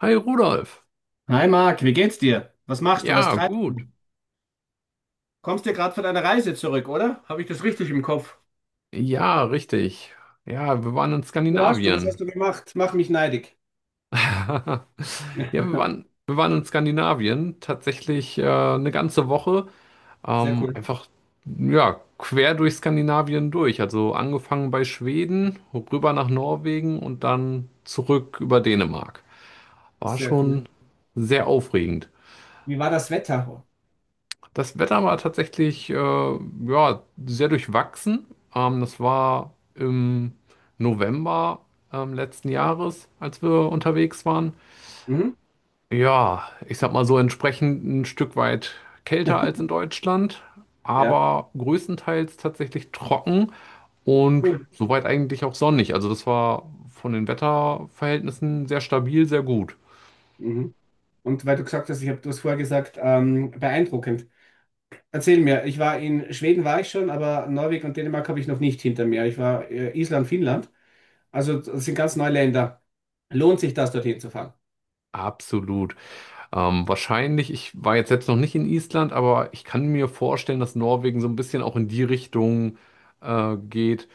Hi Rudolf. Hi Marc, wie geht's dir? Was machst du? Was Ja, treibst gut. du? Kommst dir gerade von deiner Reise zurück, oder? Habe ich das richtig im Kopf? Ja, richtig. Ja, wir waren in Wo warst du? Was Skandinavien. hast du gemacht? Mach mich neidig. Ja, wir waren in Skandinavien tatsächlich eine ganze Woche. Sehr cool, Einfach, ja, quer durch Skandinavien durch. Also angefangen bei Schweden, rüber nach Norwegen und dann zurück über Dänemark. War sehr cool. schon sehr aufregend. Wie war das Wetter? Das Wetter war tatsächlich ja, sehr durchwachsen. Das war im November letzten Jahres, als wir unterwegs waren. Mhm. Ja, ich sag mal so entsprechend ein Stück weit kälter als in Deutschland, Ja, aber größtenteils tatsächlich trocken und cool. soweit eigentlich auch sonnig. Also das war von den Wetterverhältnissen sehr stabil, sehr gut. Mhm. Und weil du gesagt hast, ich habe das vorher gesagt, beeindruckend. Erzähl mir, ich war in Schweden, war ich schon, aber Norwegen und Dänemark habe ich noch nicht hinter mir. Ich war Island, Finnland, also das sind ganz neue Länder. Lohnt sich das, dorthin zu fahren? Absolut. Wahrscheinlich, ich war jetzt selbst noch nicht in Island, aber ich kann mir vorstellen, dass Norwegen so ein bisschen auch in die Richtung geht,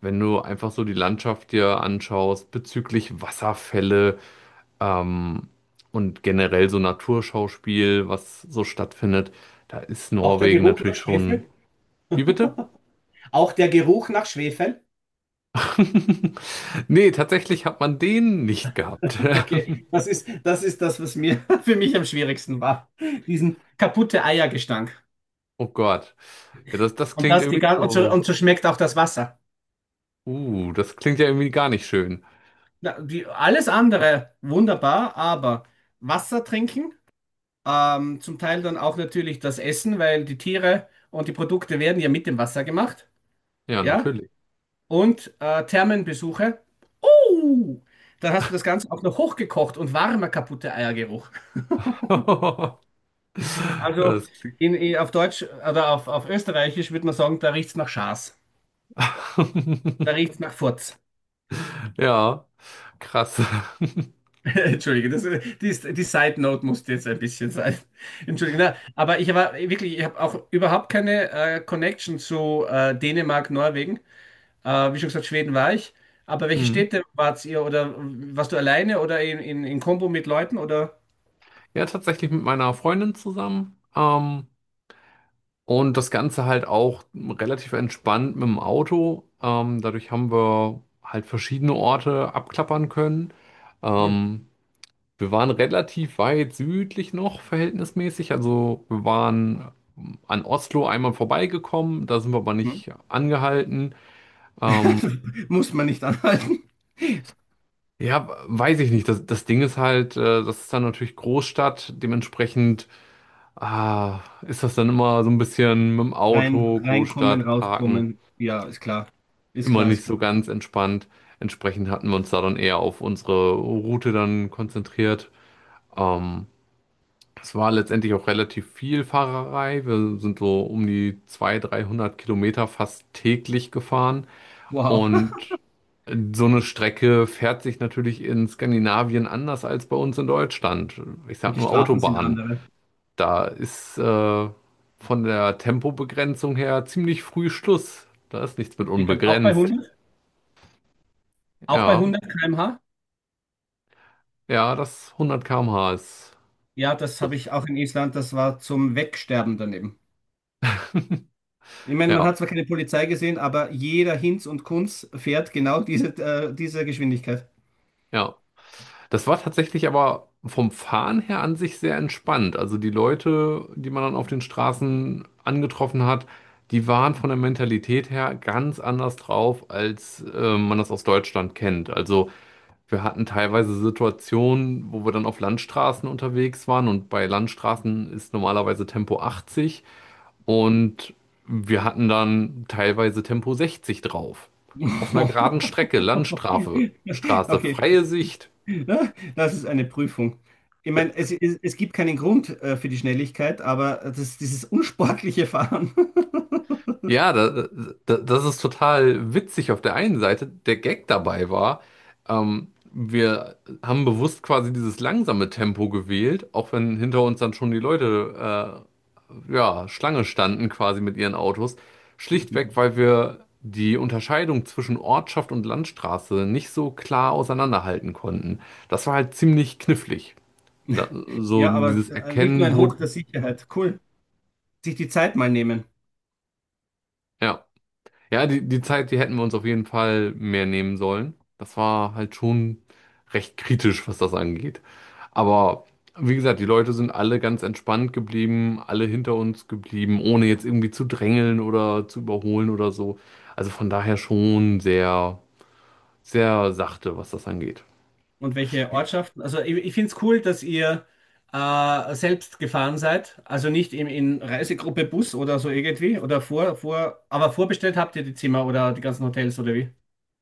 wenn du einfach so die Landschaft dir anschaust bezüglich Wasserfälle ähm, und generell so Naturschauspiel, was so stattfindet. Da ist Auch der Norwegen Geruch nach natürlich schon. Schwefel? Wie bitte? Auch der Geruch nach Schwefel? Nee, tatsächlich hat man den nicht gehabt. Okay, das ist das, was mir für mich am schwierigsten war. Diesen kaputte Eiergestank. Oh Gott. Ja, das, das Und klingt das die irgendwie nicht gan- und so, so. und so schmeckt auch das Wasser. Das klingt ja irgendwie gar nicht schön. Na, alles andere wunderbar, aber Wasser trinken, zum Teil dann auch natürlich das Essen, weil die Tiere und die Produkte werden ja mit dem Wasser gemacht. Ja, Ja? natürlich. Und Thermenbesuche. Uh, dann hast du das Ganze auch noch hochgekocht und warmer kaputte Eiergeruch. Ja, Also das klingt... auf Deutsch oder auf Österreichisch würde man sagen, da riecht's nach Schaß. Da riecht's nach Furz. Ja, krass. Entschuldige, die Side Note musste jetzt ein bisschen sein. Entschuldige, na, aber ich war wirklich, ich habe auch überhaupt keine Connection zu Dänemark, Norwegen. Wie schon gesagt, Schweden war ich. Aber welche Mhm. Städte wart ihr oder warst du alleine oder in Kombo mit Leuten oder? Ja, tatsächlich mit meiner Freundin zusammen. Und das Ganze halt auch relativ entspannt mit dem Auto. Dadurch haben wir halt verschiedene Orte abklappern können. Cool. Ähm, Wir waren relativ weit südlich noch, verhältnismäßig. Also wir waren an Oslo einmal vorbeigekommen, da sind wir aber Hm? nicht angehalten. Ähm, Muss man nicht anhalten. ja, weiß ich nicht. Das, das Ding ist halt, das ist dann natürlich Großstadt. Dementsprechend ah, ist das dann immer so ein bisschen mit dem Rein, Auto, reinkommen, Großstadt, Parken, rauskommen. Ja, ist klar. Ist immer klar, ist nicht so klar. ganz entspannt. Entsprechend hatten wir uns da dann eher auf unsere Route dann konzentriert. Ähm, Es war letztendlich auch relativ viel Fahrerei. Wir sind so um die 200, 300 Kilometer fast täglich gefahren. Wow. Und so eine Strecke fährt sich natürlich in Skandinavien anders als bei uns in Deutschland. Ich sag Und die nur Strafen sind Autobahn. andere. Da ist von der Tempobegrenzung her ziemlich früh Schluss. Da ist nichts mit Ich glaube, auch bei unbegrenzt. 100, auch bei Ja, 100 km/h. ja, das 100 km/h ist Ja, das habe Schluss. ich auch in Island. Das war zum Wegsterben daneben. Ich meine, man Ja, hat zwar keine Polizei gesehen, aber jeder Hinz und Kunz fährt genau diese Geschwindigkeit. ja. Das war tatsächlich aber vom Fahren her an sich sehr entspannt. Also die Leute, die man dann auf den Straßen angetroffen hat, die waren von der Mentalität her ganz anders drauf, als man das aus Deutschland kennt. Also wir hatten teilweise Situationen, wo wir dann auf Landstraßen unterwegs waren und bei Landstraßen ist normalerweise Tempo 80 und wir hatten dann teilweise Tempo 60 drauf. Auf einer geraden Strecke, Landstraße, Straße, Okay, freie Sicht. Ne? Das ist eine Prüfung. Ich Da- meine, es gibt keinen Grund für die Schnelligkeit, aber dieses unsportliche Fahren. Ja, das ist total witzig auf der einen Seite. Der Gag dabei war, wir haben bewusst quasi dieses langsame Tempo gewählt, auch wenn hinter uns dann schon die Leute, ja, Schlange standen quasi mit ihren Autos. Ja, Schlichtweg, weil wir die Unterscheidung zwischen Ortschaft und Landstraße nicht so klar auseinanderhalten konnten. Das war halt ziemlich knifflig. Da, so Ja, aber dieses nicht nur Erkennen, ein wo, Hoch der Sicherheit. Cool. Sich die Zeit mal nehmen. ja. Ja, die Zeit, die hätten wir uns auf jeden Fall mehr nehmen sollen. Das war halt schon recht kritisch, was das angeht. Aber wie gesagt, die Leute sind alle ganz entspannt geblieben, alle hinter uns geblieben, ohne jetzt irgendwie zu drängeln oder zu überholen oder so. Also von daher schon sehr, sehr sachte, was das angeht. Und welche Ortschaften? Also ich finde es cool, dass ihr selbst gefahren seid. Also nicht in Reisegruppe Bus oder so irgendwie. Oder aber vorbestellt habt ihr die Zimmer oder die ganzen Hotels oder wie?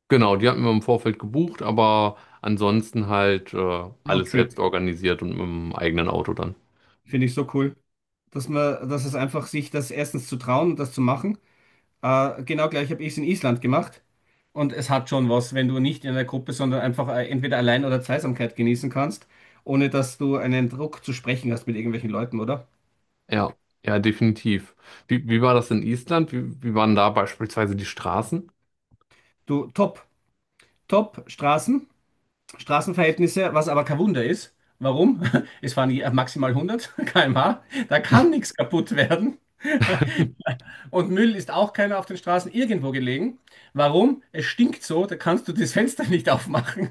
Genau, die hatten wir im Vorfeld gebucht, aber ansonsten halt alles Roadtrip. selbst organisiert und mit dem eigenen Auto dann. Finde ich so cool. Dass es einfach sich das erstens zu trauen und das zu machen. Genau gleich habe ich es in Island gemacht. Und es hat schon was, wenn du nicht in einer Gruppe, sondern einfach entweder allein oder Zweisamkeit genießen kannst, ohne dass du einen Druck zu sprechen hast mit irgendwelchen Leuten, oder? Ja, ja, definitiv. Wie war das in Island? Wie waren da beispielsweise die Straßen? Du, top, top Straßen, Straßenverhältnisse, was aber kein Wunder ist. Warum? Es fahren maximal 100 km/h, da kann nichts kaputt werden. Und Müll ist auch keiner auf den Straßen irgendwo gelegen. Warum? Es stinkt so, da kannst du das Fenster nicht aufmachen.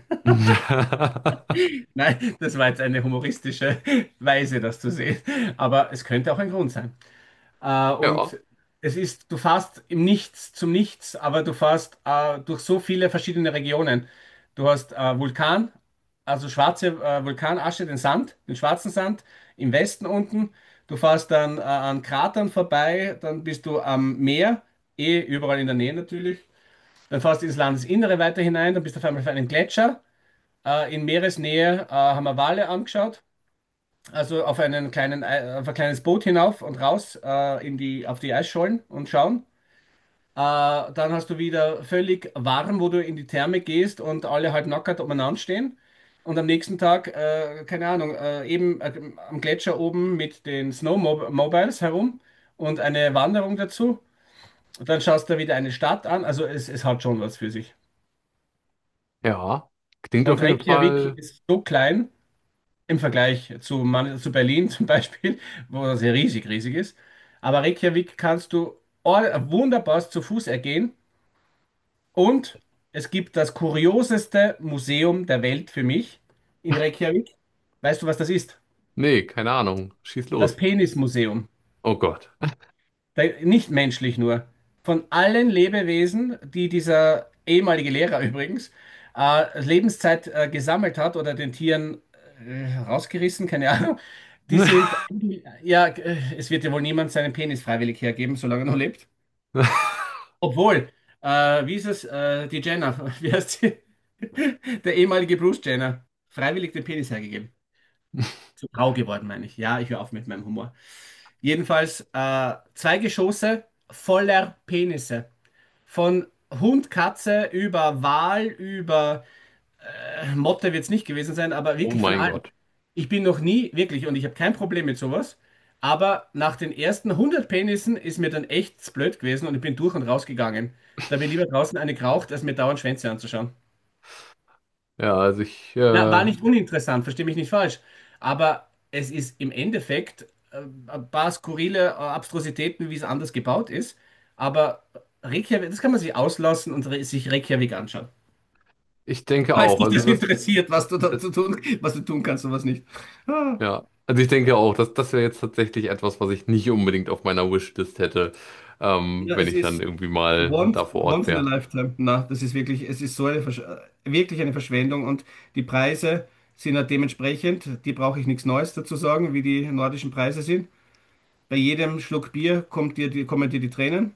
Nein, das war jetzt eine humoristische Weise, das zu sehen. Aber es könnte auch ein Grund sein. Äh, Ja, und du fährst im Nichts zum Nichts, aber du fährst durch so viele verschiedene Regionen. Du hast Vulkan, also schwarze Vulkanasche, den Sand, den schwarzen Sand im Westen unten. Du fährst dann an Kratern vorbei, dann bist du am Meer, eh überall in der Nähe natürlich. Dann fährst du ins Landesinnere weiter hinein, dann bist du auf einmal auf einem Gletscher. In Meeresnähe haben wir Wale angeschaut, also auf ein kleines Boot hinauf und raus auf die Eisschollen und schauen. Äh, dann hast du wieder völlig warm, wo du in die Therme gehst und alle halt nackert umeinander stehen. Und am nächsten Tag, keine Ahnung, eben am Gletscher oben mit den Snowmobiles herum und eine Wanderung dazu. Und dann schaust du wieder eine Stadt an. Also es hat schon was für sich. ja. Klingt auf Und jeden Reykjavik Fall. ist so klein im Vergleich zu Berlin zum Beispiel, wo das ja riesig, riesig ist. Aber Reykjavik kannst du wunderbar zu Fuß ergehen und es gibt das kurioseste Museum der Welt für mich in Reykjavik. Weißt du, was das ist? Nee, keine Ahnung. Schieß Das los. Penismuseum. Oh Gott. Der, nicht menschlich nur. Von allen Lebewesen, die dieser ehemalige Lehrer übrigens Lebenszeit gesammelt hat oder den Tieren rausgerissen, keine Ahnung, ja, es wird ja wohl niemand seinen Penis freiwillig hergeben, solange er noch lebt. Obwohl, wie ist es, die Jenner, wie heißt sie? Der ehemalige Bruce Jenner, freiwillig den Penis hergegeben zu grau geworden, meine ich. Ja, ich höre auf mit meinem Humor. Jedenfalls zwei Geschosse voller Penisse. Von Hund, Katze über Wal, über Motte wird es nicht gewesen sein, aber Oh wirklich von mein allem. Gott. Ich bin noch nie, wirklich, und ich habe kein Problem mit sowas, aber nach den ersten 100 Penissen ist mir dann echt blöd gewesen und ich bin durch und rausgegangen. Da habe ich lieber draußen eine geraucht, als mir dauernd Schwänze anzuschauen. Ja, also Na, war nicht uninteressant, verstehe mich nicht falsch. Aber es ist im Endeffekt ein paar skurrile Abstrusitäten, wie es anders gebaut ist. Aber Reykjavik, das kann man sich auslassen und re sich Reykjavik anschauen. ich denke Falls auch. dich Also das interessiert, das, was du tun kannst und was nicht. Ah, ja, also ich denke auch, dass das wäre jetzt tatsächlich etwas, was ich nicht unbedingt auf meiner Wishlist hätte, ja, wenn es ich dann ist irgendwie mal once, da vor Ort once in a wäre. lifetime. Na, das ist wirklich, es ist so eine, Versch wirklich eine Verschwendung und die Preise sind ja dementsprechend, die brauche ich nichts Neues dazu sagen, wie die nordischen Preise sind. Bei jedem Schluck Bier kommen dir die Tränen.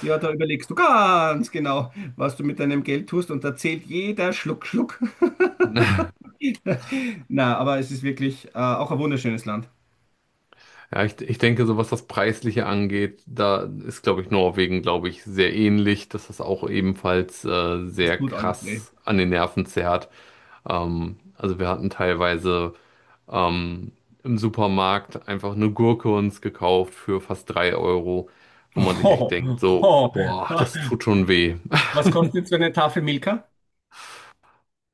Ja, da überlegst du ganz genau, was du mit deinem Geld tust und da zählt jeder Schluck, Schluck. Na, aber es ist wirklich auch ein wunderschönes Land. Ja, ich denke, so was das Preisliche angeht, da ist, glaube ich, Norwegen, glaube ich, sehr ähnlich, dass das auch ebenfalls Es sehr tut alles weh. krass an den Nerven zerrt. Also wir hatten teilweise ähm, im Supermarkt einfach eine Gurke uns gekauft für fast 3 Euro, wo man sich echt Oh, denkt, so, oh. boah, das tut schon weh. Was kostet jetzt so eine Tafel Milka?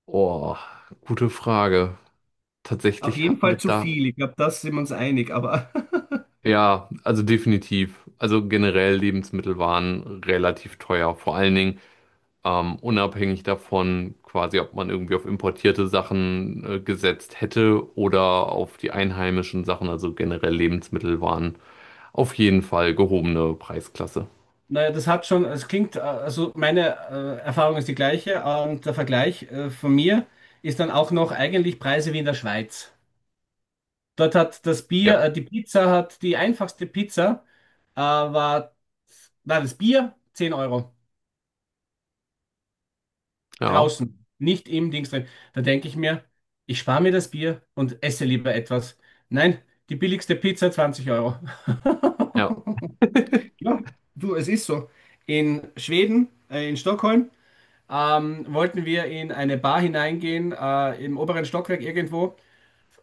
Oh, gute Frage. Auf Tatsächlich jeden hatten wir Fall zu da, viel. Ich glaube, da sind wir uns einig, aber ja, also definitiv. Also generell Lebensmittel waren relativ teuer. Vor allen Dingen unabhängig davon, quasi, ob man irgendwie auf importierte Sachen gesetzt hätte oder auf die einheimischen Sachen, also generell Lebensmittel waren auf jeden Fall gehobene Preisklasse. Naja, das hat schon, es klingt, also meine Erfahrung ist die gleiche und der Vergleich von mir ist dann auch noch eigentlich Preise wie in der Schweiz. Dort hat das Bier, Ja, die Pizza hat die einfachste Pizza, äh, war, war das Bier 10 Euro ja, draußen, nicht im Dings drin. Da denke ich mir, ich spare mir das Bier und esse lieber etwas. Nein, die billigste Pizza 20 Euro. ja. Ja, du, es ist so. In Schweden, in Stockholm, wollten wir in eine Bar hineingehen, im oberen Stockwerk irgendwo.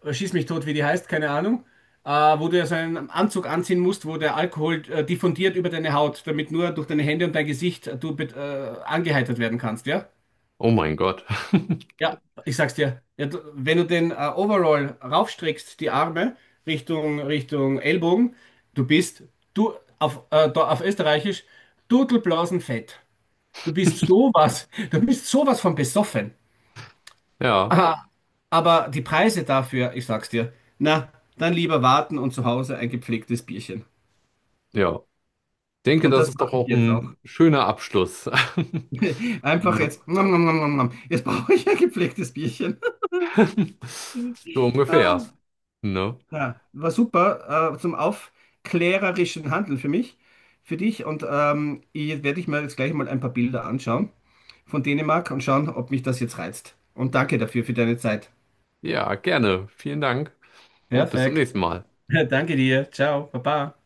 Schieß mich tot, wie die heißt, keine Ahnung, wo du ja so einen Anzug anziehen musst, wo der Alkohol diffundiert über deine Haut, damit nur durch deine Hände und dein Gesicht angeheitert werden kannst, ja? Oh mein Gott. Ja, ich sag's dir. Ja, du, wenn du den Overall raufstreckst, die Arme Richtung Ellbogen, du bist, du, auf, da, auf Österreichisch, Dudelblasenfett. Du bist sowas, du bist sowas von besoffen. Ja, Aha, aber die Preise dafür, ich sag's dir, na, dann lieber warten und zu Hause ein gepflegtes Bierchen. ja. Ich denke, Und das das ist doch mache ich auch jetzt auch. ein schöner Abschluss. Einfach Ne? jetzt. Nom, nom, nom, nom, nom. Jetzt brauche ich ein gepflegtes Bierchen. So ungefähr. Ne? Ja, war super, zum aufklärerischen Handeln für mich, für dich. Und ich werde ich mir jetzt gleich mal ein paar Bilder anschauen von Dänemark und schauen, ob mich das jetzt reizt. Und danke dafür für deine Zeit. Ja, gerne. Vielen Dank und bis zum Perfekt. nächsten Mal. Danke dir. Ciao. Baba.